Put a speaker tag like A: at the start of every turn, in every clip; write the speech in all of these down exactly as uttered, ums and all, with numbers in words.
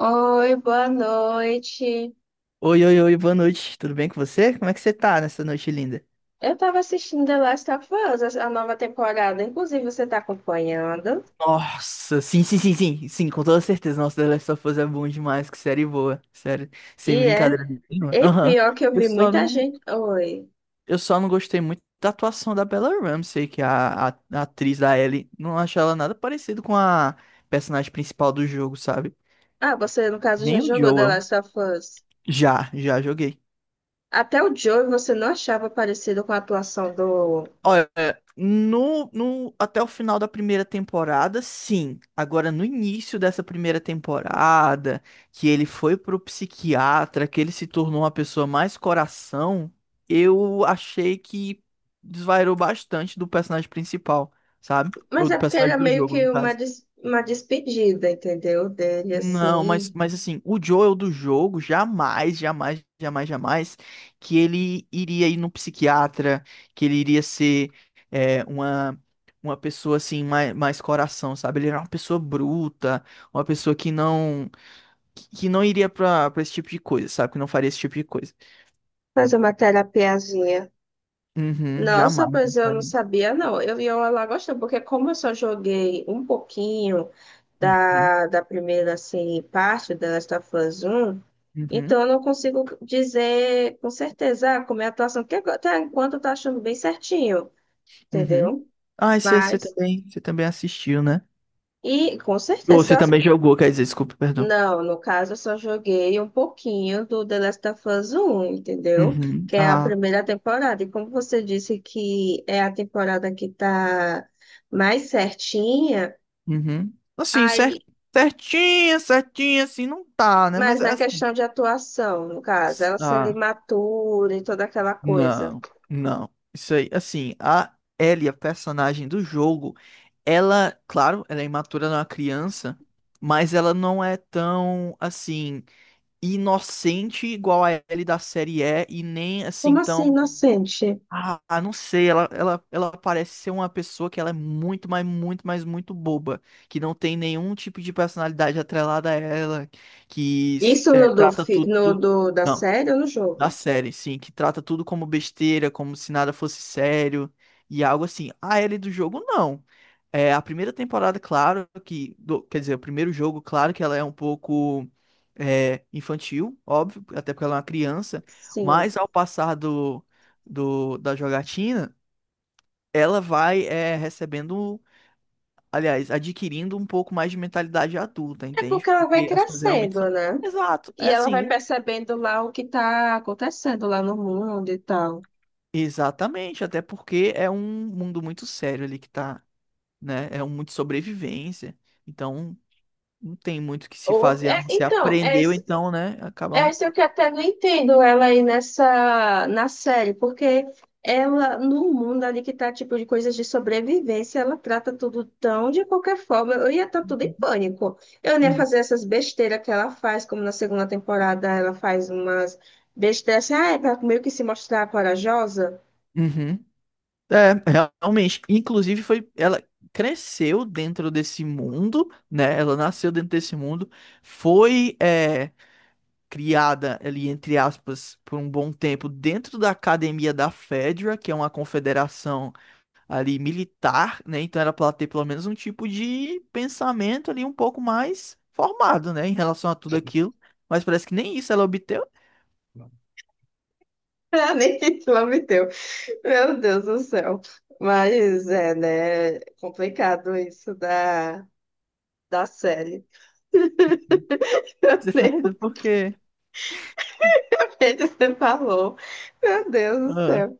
A: Oi, boa noite.
B: Oi, oi, oi, boa noite. Tudo bem com você? Como é que você tá nessa noite linda?
A: Eu tava assistindo The Last of Us, a a nova temporada. Inclusive, você tá acompanhando?
B: Nossa, sim, sim, sim, sim, sim, com toda certeza. Nossa, The Last of Us é bom demais, que série boa, sério, sem
A: E é.
B: brincadeira nenhuma.
A: E
B: Aham.
A: pior que eu
B: Eu
A: vi
B: só
A: muita
B: não,
A: gente. Oi.
B: eu só não gostei muito da atuação da Bella Ramsey, que é a, a, a atriz da Ellie. Não acho ela nada parecido com a personagem principal do jogo, sabe?
A: Ah, você, no caso, já
B: Nem o
A: jogou The
B: Joel.
A: Last of Us.
B: Já, já joguei.
A: Até o Joel você não achava parecido com a atuação do.
B: Olha, no, no, até o final da primeira temporada, sim. Agora, no início dessa primeira temporada, que ele foi pro psiquiatra, que ele se tornou uma pessoa mais coração, eu achei que desvairou bastante do personagem principal, sabe? Ou
A: Mas
B: do
A: é porque era
B: personagem do
A: meio
B: jogo,
A: que
B: no
A: uma,
B: caso.
A: des- uma despedida, entendeu? Dele,
B: Não, mas,
A: assim.
B: mas assim, o Joel do jogo jamais, jamais, jamais, jamais que ele iria ir no psiquiatra, que ele iria ser é, uma, uma pessoa assim, mais, mais coração, sabe? Ele era uma pessoa bruta, uma pessoa que não que, que não iria pra, pra esse tipo de coisa, sabe? Que não faria esse tipo de coisa.
A: Fazer uma terapiazinha.
B: Uhum,
A: Nossa,
B: jamais ele
A: pois eu não
B: faria.
A: sabia, não. Eu ia lá gostando, porque como eu só joguei um pouquinho
B: Uhum,
A: da, da primeira assim, parte, da Last of Us um,
B: uhum,
A: então eu não consigo dizer com certeza ah, como é a atuação, porque agora, até enquanto eu tá achando bem certinho,
B: uhum.
A: entendeu?
B: Ah, você você
A: Mas,
B: também, você também assistiu, né?
A: e com
B: Ou você
A: certeza, se
B: também
A: eu...
B: jogou, quer dizer, desculpa, perdão.
A: Não, no caso eu só joguei um pouquinho do The Last of Us um, entendeu?
B: Uhum.
A: Que é a
B: Ah.
A: primeira temporada, e como você disse que é a temporada que tá mais certinha,
B: Uhum. Assim, cer-
A: aí...
B: certinha, certinha, assim, não tá, né?
A: Mas
B: Mas é
A: na
B: assim.
A: questão de atuação, no caso, ela sendo
B: Ah,
A: imatura e toda aquela coisa.
B: não, não. Isso aí, assim, a Ellie, a personagem do jogo, ela, claro, ela é imatura, ela é uma criança, mas ela não é tão, assim, inocente igual a Ellie da série é, e nem
A: Como
B: assim
A: assim,
B: tão.
A: inocente?
B: Ah, ah, não sei, ela, ela, ela parece ser uma pessoa que ela é muito, mas muito, mas muito boba, que não tem nenhum tipo de personalidade atrelada a ela, que
A: Isso
B: é,
A: no do,
B: trata
A: fi-
B: tudo,
A: no do da
B: não,
A: série ou no
B: da
A: jogo?
B: série, sim, que trata tudo como besteira, como se nada fosse sério, e algo assim. A Ellie do jogo, não. É, a primeira temporada, claro que. Do- quer dizer, o primeiro jogo, claro que ela é um pouco é, infantil, óbvio, até porque ela é uma criança,
A: Sim.
B: mas ao passar do, do- da jogatina, ela vai é, recebendo, aliás, adquirindo um pouco mais de mentalidade adulta,
A: É porque
B: entende?
A: ela vai
B: Porque as coisas realmente
A: crescendo,
B: são.
A: né?
B: Exato, é
A: E ela
B: assim.
A: vai percebendo lá o que tá acontecendo lá no mundo e tal.
B: Exatamente, até porque é um mundo muito sério ali que tá, né? É um muito sobrevivência. Então, não tem muito o que se
A: Ou,
B: fazer a
A: é,
B: não ser
A: então, é
B: aprendeu,
A: isso.
B: então, né?
A: É
B: Acabamos.
A: isso que eu até não entendo ela aí nessa na série, porque ela, no mundo ali que tá tipo de coisas de sobrevivência, ela trata tudo tão de qualquer forma. Eu ia estar tudo em pânico. Eu não ia
B: Uhum.
A: fazer essas besteiras que ela faz, como na segunda temporada ela faz umas besteiras assim, ah, é pra meio que se mostrar corajosa.
B: Uhum. É, realmente. Inclusive, foi. Ela cresceu dentro desse mundo, né? Ela nasceu dentro desse mundo, foi é, criada ali, entre aspas, por um bom tempo dentro da academia da FEDRA, que é uma confederação ali militar, né? Então era para ela ter pelo menos um tipo de pensamento ali um pouco mais formado, né? Em relação a tudo aquilo. Mas parece que nem isso ela obteve.
A: Ah, nem título me deu. Meu Deus do céu. Mas é, né? Complicado isso da, da série.
B: Você tá rindo por quê?
A: Que você falou. Meu Deus do
B: Ah,
A: céu.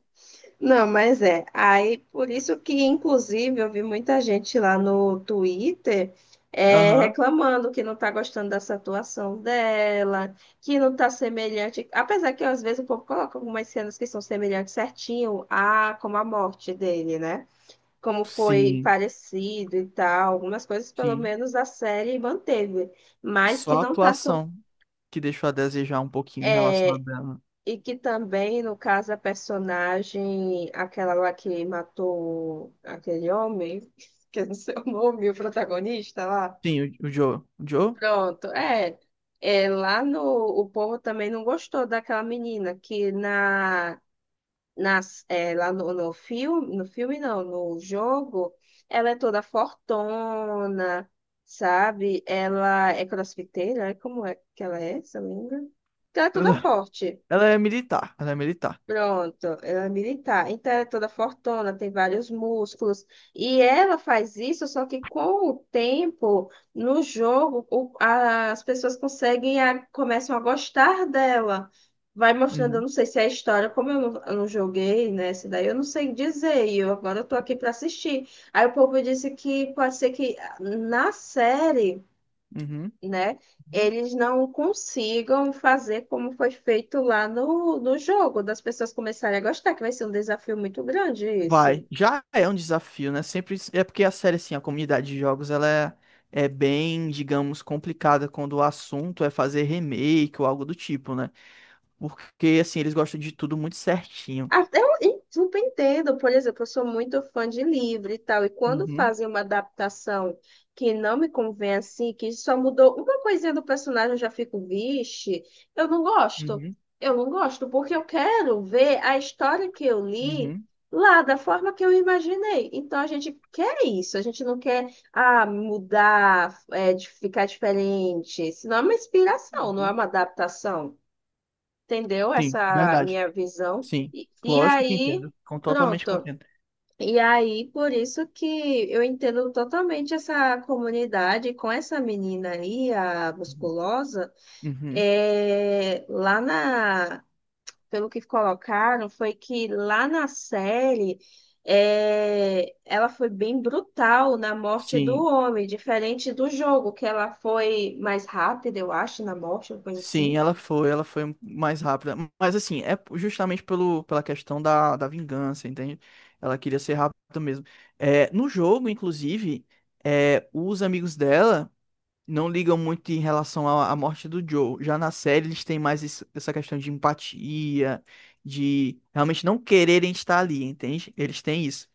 A: Não, mas é. Aí, por isso que, inclusive, eu vi muita gente lá no Twitter é,
B: aham.
A: reclamando que não tá gostando dessa atuação dela, que não tá semelhante. Apesar que, às vezes, o povo coloca algumas cenas que são semelhantes certinho a como a morte dele, né? Como foi
B: Sim,
A: parecido e tal. Algumas coisas, pelo
B: sim.
A: menos, a série manteve. Mas que
B: Só a
A: não tá...
B: atuação que deixou a desejar um pouquinho em relação a dela.
A: E que também, no caso, a personagem, aquela lá que matou aquele homem, que eu não sei o nome, o protagonista lá.
B: Sim, o, o Joe. O Joe?
A: Pronto, é. É, lá no, o povo também não gostou daquela menina que na, nas, é, lá no, no filme, no filme não, no jogo, ela é toda fortona, sabe? Ela é crossfiteira, é como é que ela é, se eu não me engano? Ela é toda
B: Ah,
A: forte.
B: ela é militar. Ela é militar.
A: Pronto, ela é militar. Então ela é toda fortona, tem vários músculos. E ela faz isso, só que com o tempo, no jogo, o- as pessoas conseguem, a- começam a gostar dela. Vai mostrando, eu
B: Uhum,
A: não sei se é a história, como eu não, eu não joguei, né? Esse daí eu não sei dizer. E eu agora eu tô aqui para assistir. Aí o povo disse que pode ser que ah, na série,
B: uhum,
A: né?
B: uhum.
A: Eles não consigam fazer como foi feito lá no, no jogo, das pessoas começarem a gostar, que vai ser um desafio muito grande isso.
B: Vai. Já é um desafio, né? Sempre. É porque a série, assim, a comunidade de jogos, ela é, é bem, digamos, complicada quando o assunto é fazer remake ou algo do tipo, né? Porque, assim, eles gostam de tudo muito certinho.
A: Até eu e super entendo, por exemplo, eu sou muito fã de livro e tal, e quando
B: Uhum,
A: fazem uma adaptação que não me convém assim, que só mudou uma coisinha do personagem, eu já fico, vixe, eu não gosto.
B: uhum,
A: Eu não gosto, porque eu quero ver a história que eu li
B: uhum,
A: lá da forma que eu imaginei. Então a gente quer isso, a gente não quer ah, mudar, é, de ficar diferente. Senão é uma inspiração, não é
B: uhum.
A: uma adaptação, entendeu?
B: Sim,
A: Essa
B: verdade.
A: minha visão.
B: Sim.
A: E, e
B: Lógico que
A: aí,
B: entendo. Com, totalmente
A: pronto.
B: compreendo.
A: E aí, por isso que eu entendo totalmente essa comunidade com essa menina aí, a
B: Uhum.
A: musculosa,
B: Uhum.
A: é, lá na, pelo que colocaram, foi que lá na série é, ela foi bem brutal na morte do
B: Sim.
A: homem, diferente do jogo, que ela foi mais rápida, eu acho, na morte, uma coisa
B: Sim,
A: assim.
B: ela foi, ela foi mais rápida. Mas assim, é justamente pelo, pela questão da, da vingança, entende? Ela queria ser rápida mesmo. É, no jogo, inclusive, é, os amigos dela não ligam muito em relação à, à morte do Joe. Já na série, eles têm mais isso- essa questão de empatia, de realmente não quererem estar ali, entende? Eles têm isso.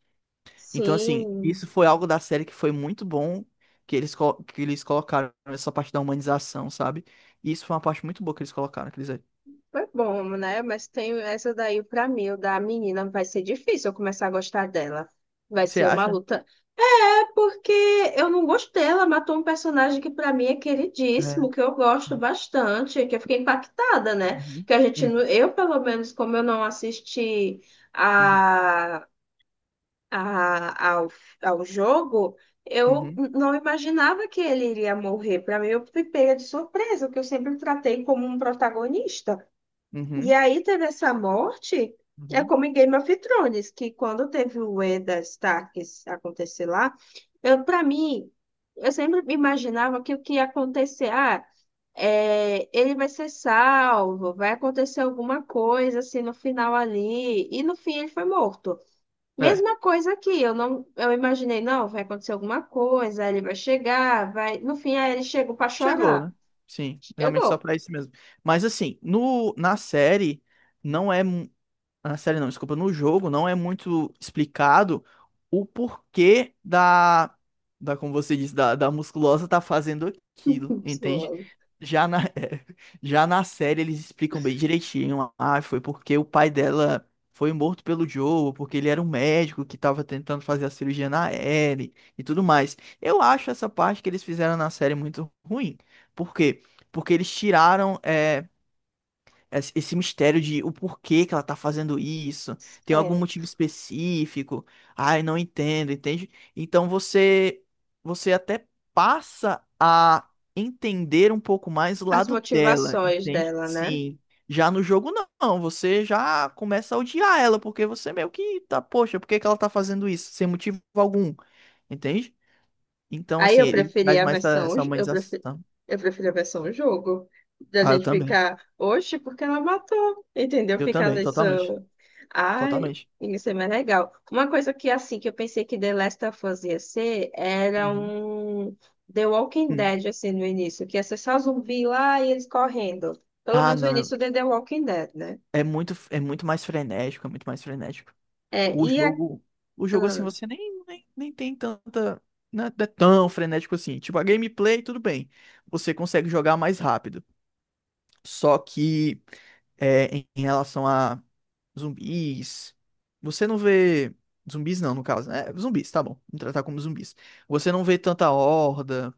B: Então, assim,
A: Sim.
B: isso foi algo da série que foi muito bom que eles, colo- que eles colocaram essa parte da humanização, sabe? E isso foi uma parte muito boa que eles colocaram, quer dizer.
A: Foi bom, né? Mas tem essa daí pra mim, o da menina, vai ser difícil eu começar a gostar dela. Vai
B: Você
A: ser uma
B: acha?
A: luta. É porque eu não gostei, ela matou um personagem que pra mim é
B: É.
A: queridíssimo, que eu gosto bastante, que eu fiquei impactada, né?
B: Uhum.
A: Que a gente,
B: Uhum.
A: não, eu pelo menos, como eu não assisti
B: Uhum.
A: a, a, ao, ao jogo, eu
B: Uhum.
A: não imaginava que ele iria morrer. Pra mim, eu fui pega de surpresa, que eu sempre tratei como um protagonista. E
B: Uhum.
A: aí teve essa morte, é
B: Uhum.
A: como em Game of Thrones, que quando teve o Eddard Stark acontecer lá, eu para mim, eu sempre imaginava que o que ia acontecer, ah, é, ele vai ser salvo, vai acontecer alguma coisa assim no final ali, e no fim ele foi morto.
B: É.
A: Mesma coisa aqui, eu não, eu imaginei, não, vai acontecer alguma coisa, aí ele vai chegar, vai, no fim aí ele chegou para
B: Chegou,
A: chorar.
B: né? Sim, realmente só
A: Chegou.
B: pra isso mesmo. Mas assim, no, na série não é. Na série não, desculpa, no jogo não é muito explicado o porquê da, da, como você disse, da, da musculosa tá fazendo aquilo, entende? Já na, é, já na série eles explicam bem direitinho, ah, foi porque o pai dela foi morto pelo Joe, porque ele era um médico que tava tentando fazer a cirurgia na Ellie e tudo mais. Eu acho essa parte que eles fizeram na série muito ruim. Por quê? Porque eles tiraram, é, es- esse mistério de o porquê que ela tá fazendo isso, tem algum
A: É,
B: motivo específico, ai, não entendo, entende? Então você você até passa a entender um pouco mais o
A: as
B: lado dela,
A: motivações
B: entende?
A: dela, né?
B: Sim. Já no jogo não, você já começa a odiar ela, porque você meio que tá, poxa, por que que ela tá fazendo isso? Sem motivo algum, entende? Então,
A: Aí
B: assim,
A: eu
B: ele
A: preferi
B: traz
A: a
B: mais essa
A: versão,
B: essa
A: eu preferi,
B: humanização.
A: eu preferi a versão jogo, da
B: Ah, eu
A: gente
B: também.
A: ficar, oxe, porque ela matou, entendeu?
B: Eu
A: Ficar
B: também,
A: nessa,
B: totalmente.
A: ai,
B: Totalmente.
A: isso é mais legal. Uma coisa que, assim, que eu pensei que The Last of Us ia ser, era um The Walking
B: Uhum.
A: Dead, assim, no início, que ia ser só zumbi lá e eles correndo. Pelo
B: Ah,
A: menos o
B: não,
A: início de The Walking Dead, né?
B: é muito, é muito mais frenético, é muito mais frenético.
A: É,
B: O
A: e a...
B: jogo, o jogo assim,
A: Ah,
B: você nem, nem, nem tem tanta, não é tão frenético assim. Tipo, a gameplay, tudo bem, você consegue jogar mais rápido. Só que é, em em relação a zumbis, você não vê zumbis não, no caso, né? Zumbis, tá bom, vamos tratar como zumbis. Você não vê tanta horda,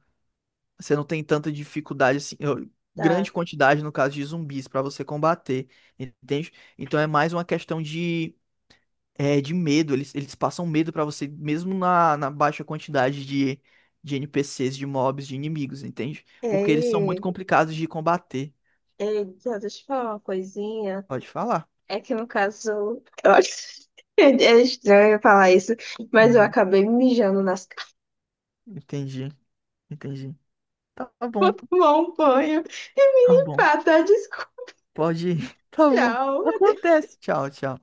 B: você não tem tanta dificuldade assim, eu-
A: tá.
B: grande quantidade no caso de zumbis pra você combater, entende? Então é mais uma questão de é, de medo, eles, eles passam medo pra você mesmo na, na baixa quantidade de de N P Cs, de mobs, de inimigos, entende?
A: É,
B: Porque eles são muito
A: e...
B: complicados de combater.
A: Eita, deixa eu falar uma coisinha.
B: Pode falar.
A: É que no caso, eu acho é é estranho eu falar isso, mas eu
B: Uhum,
A: acabei mijando nas calças.
B: entendi, entendi. Tá
A: Vou
B: bom,
A: tomar um banho e
B: tá
A: me
B: bom.
A: limpar, tá? Desculpa,
B: Pode ir. Tá bom.
A: tchau.
B: Acontece. Tchau, tchau.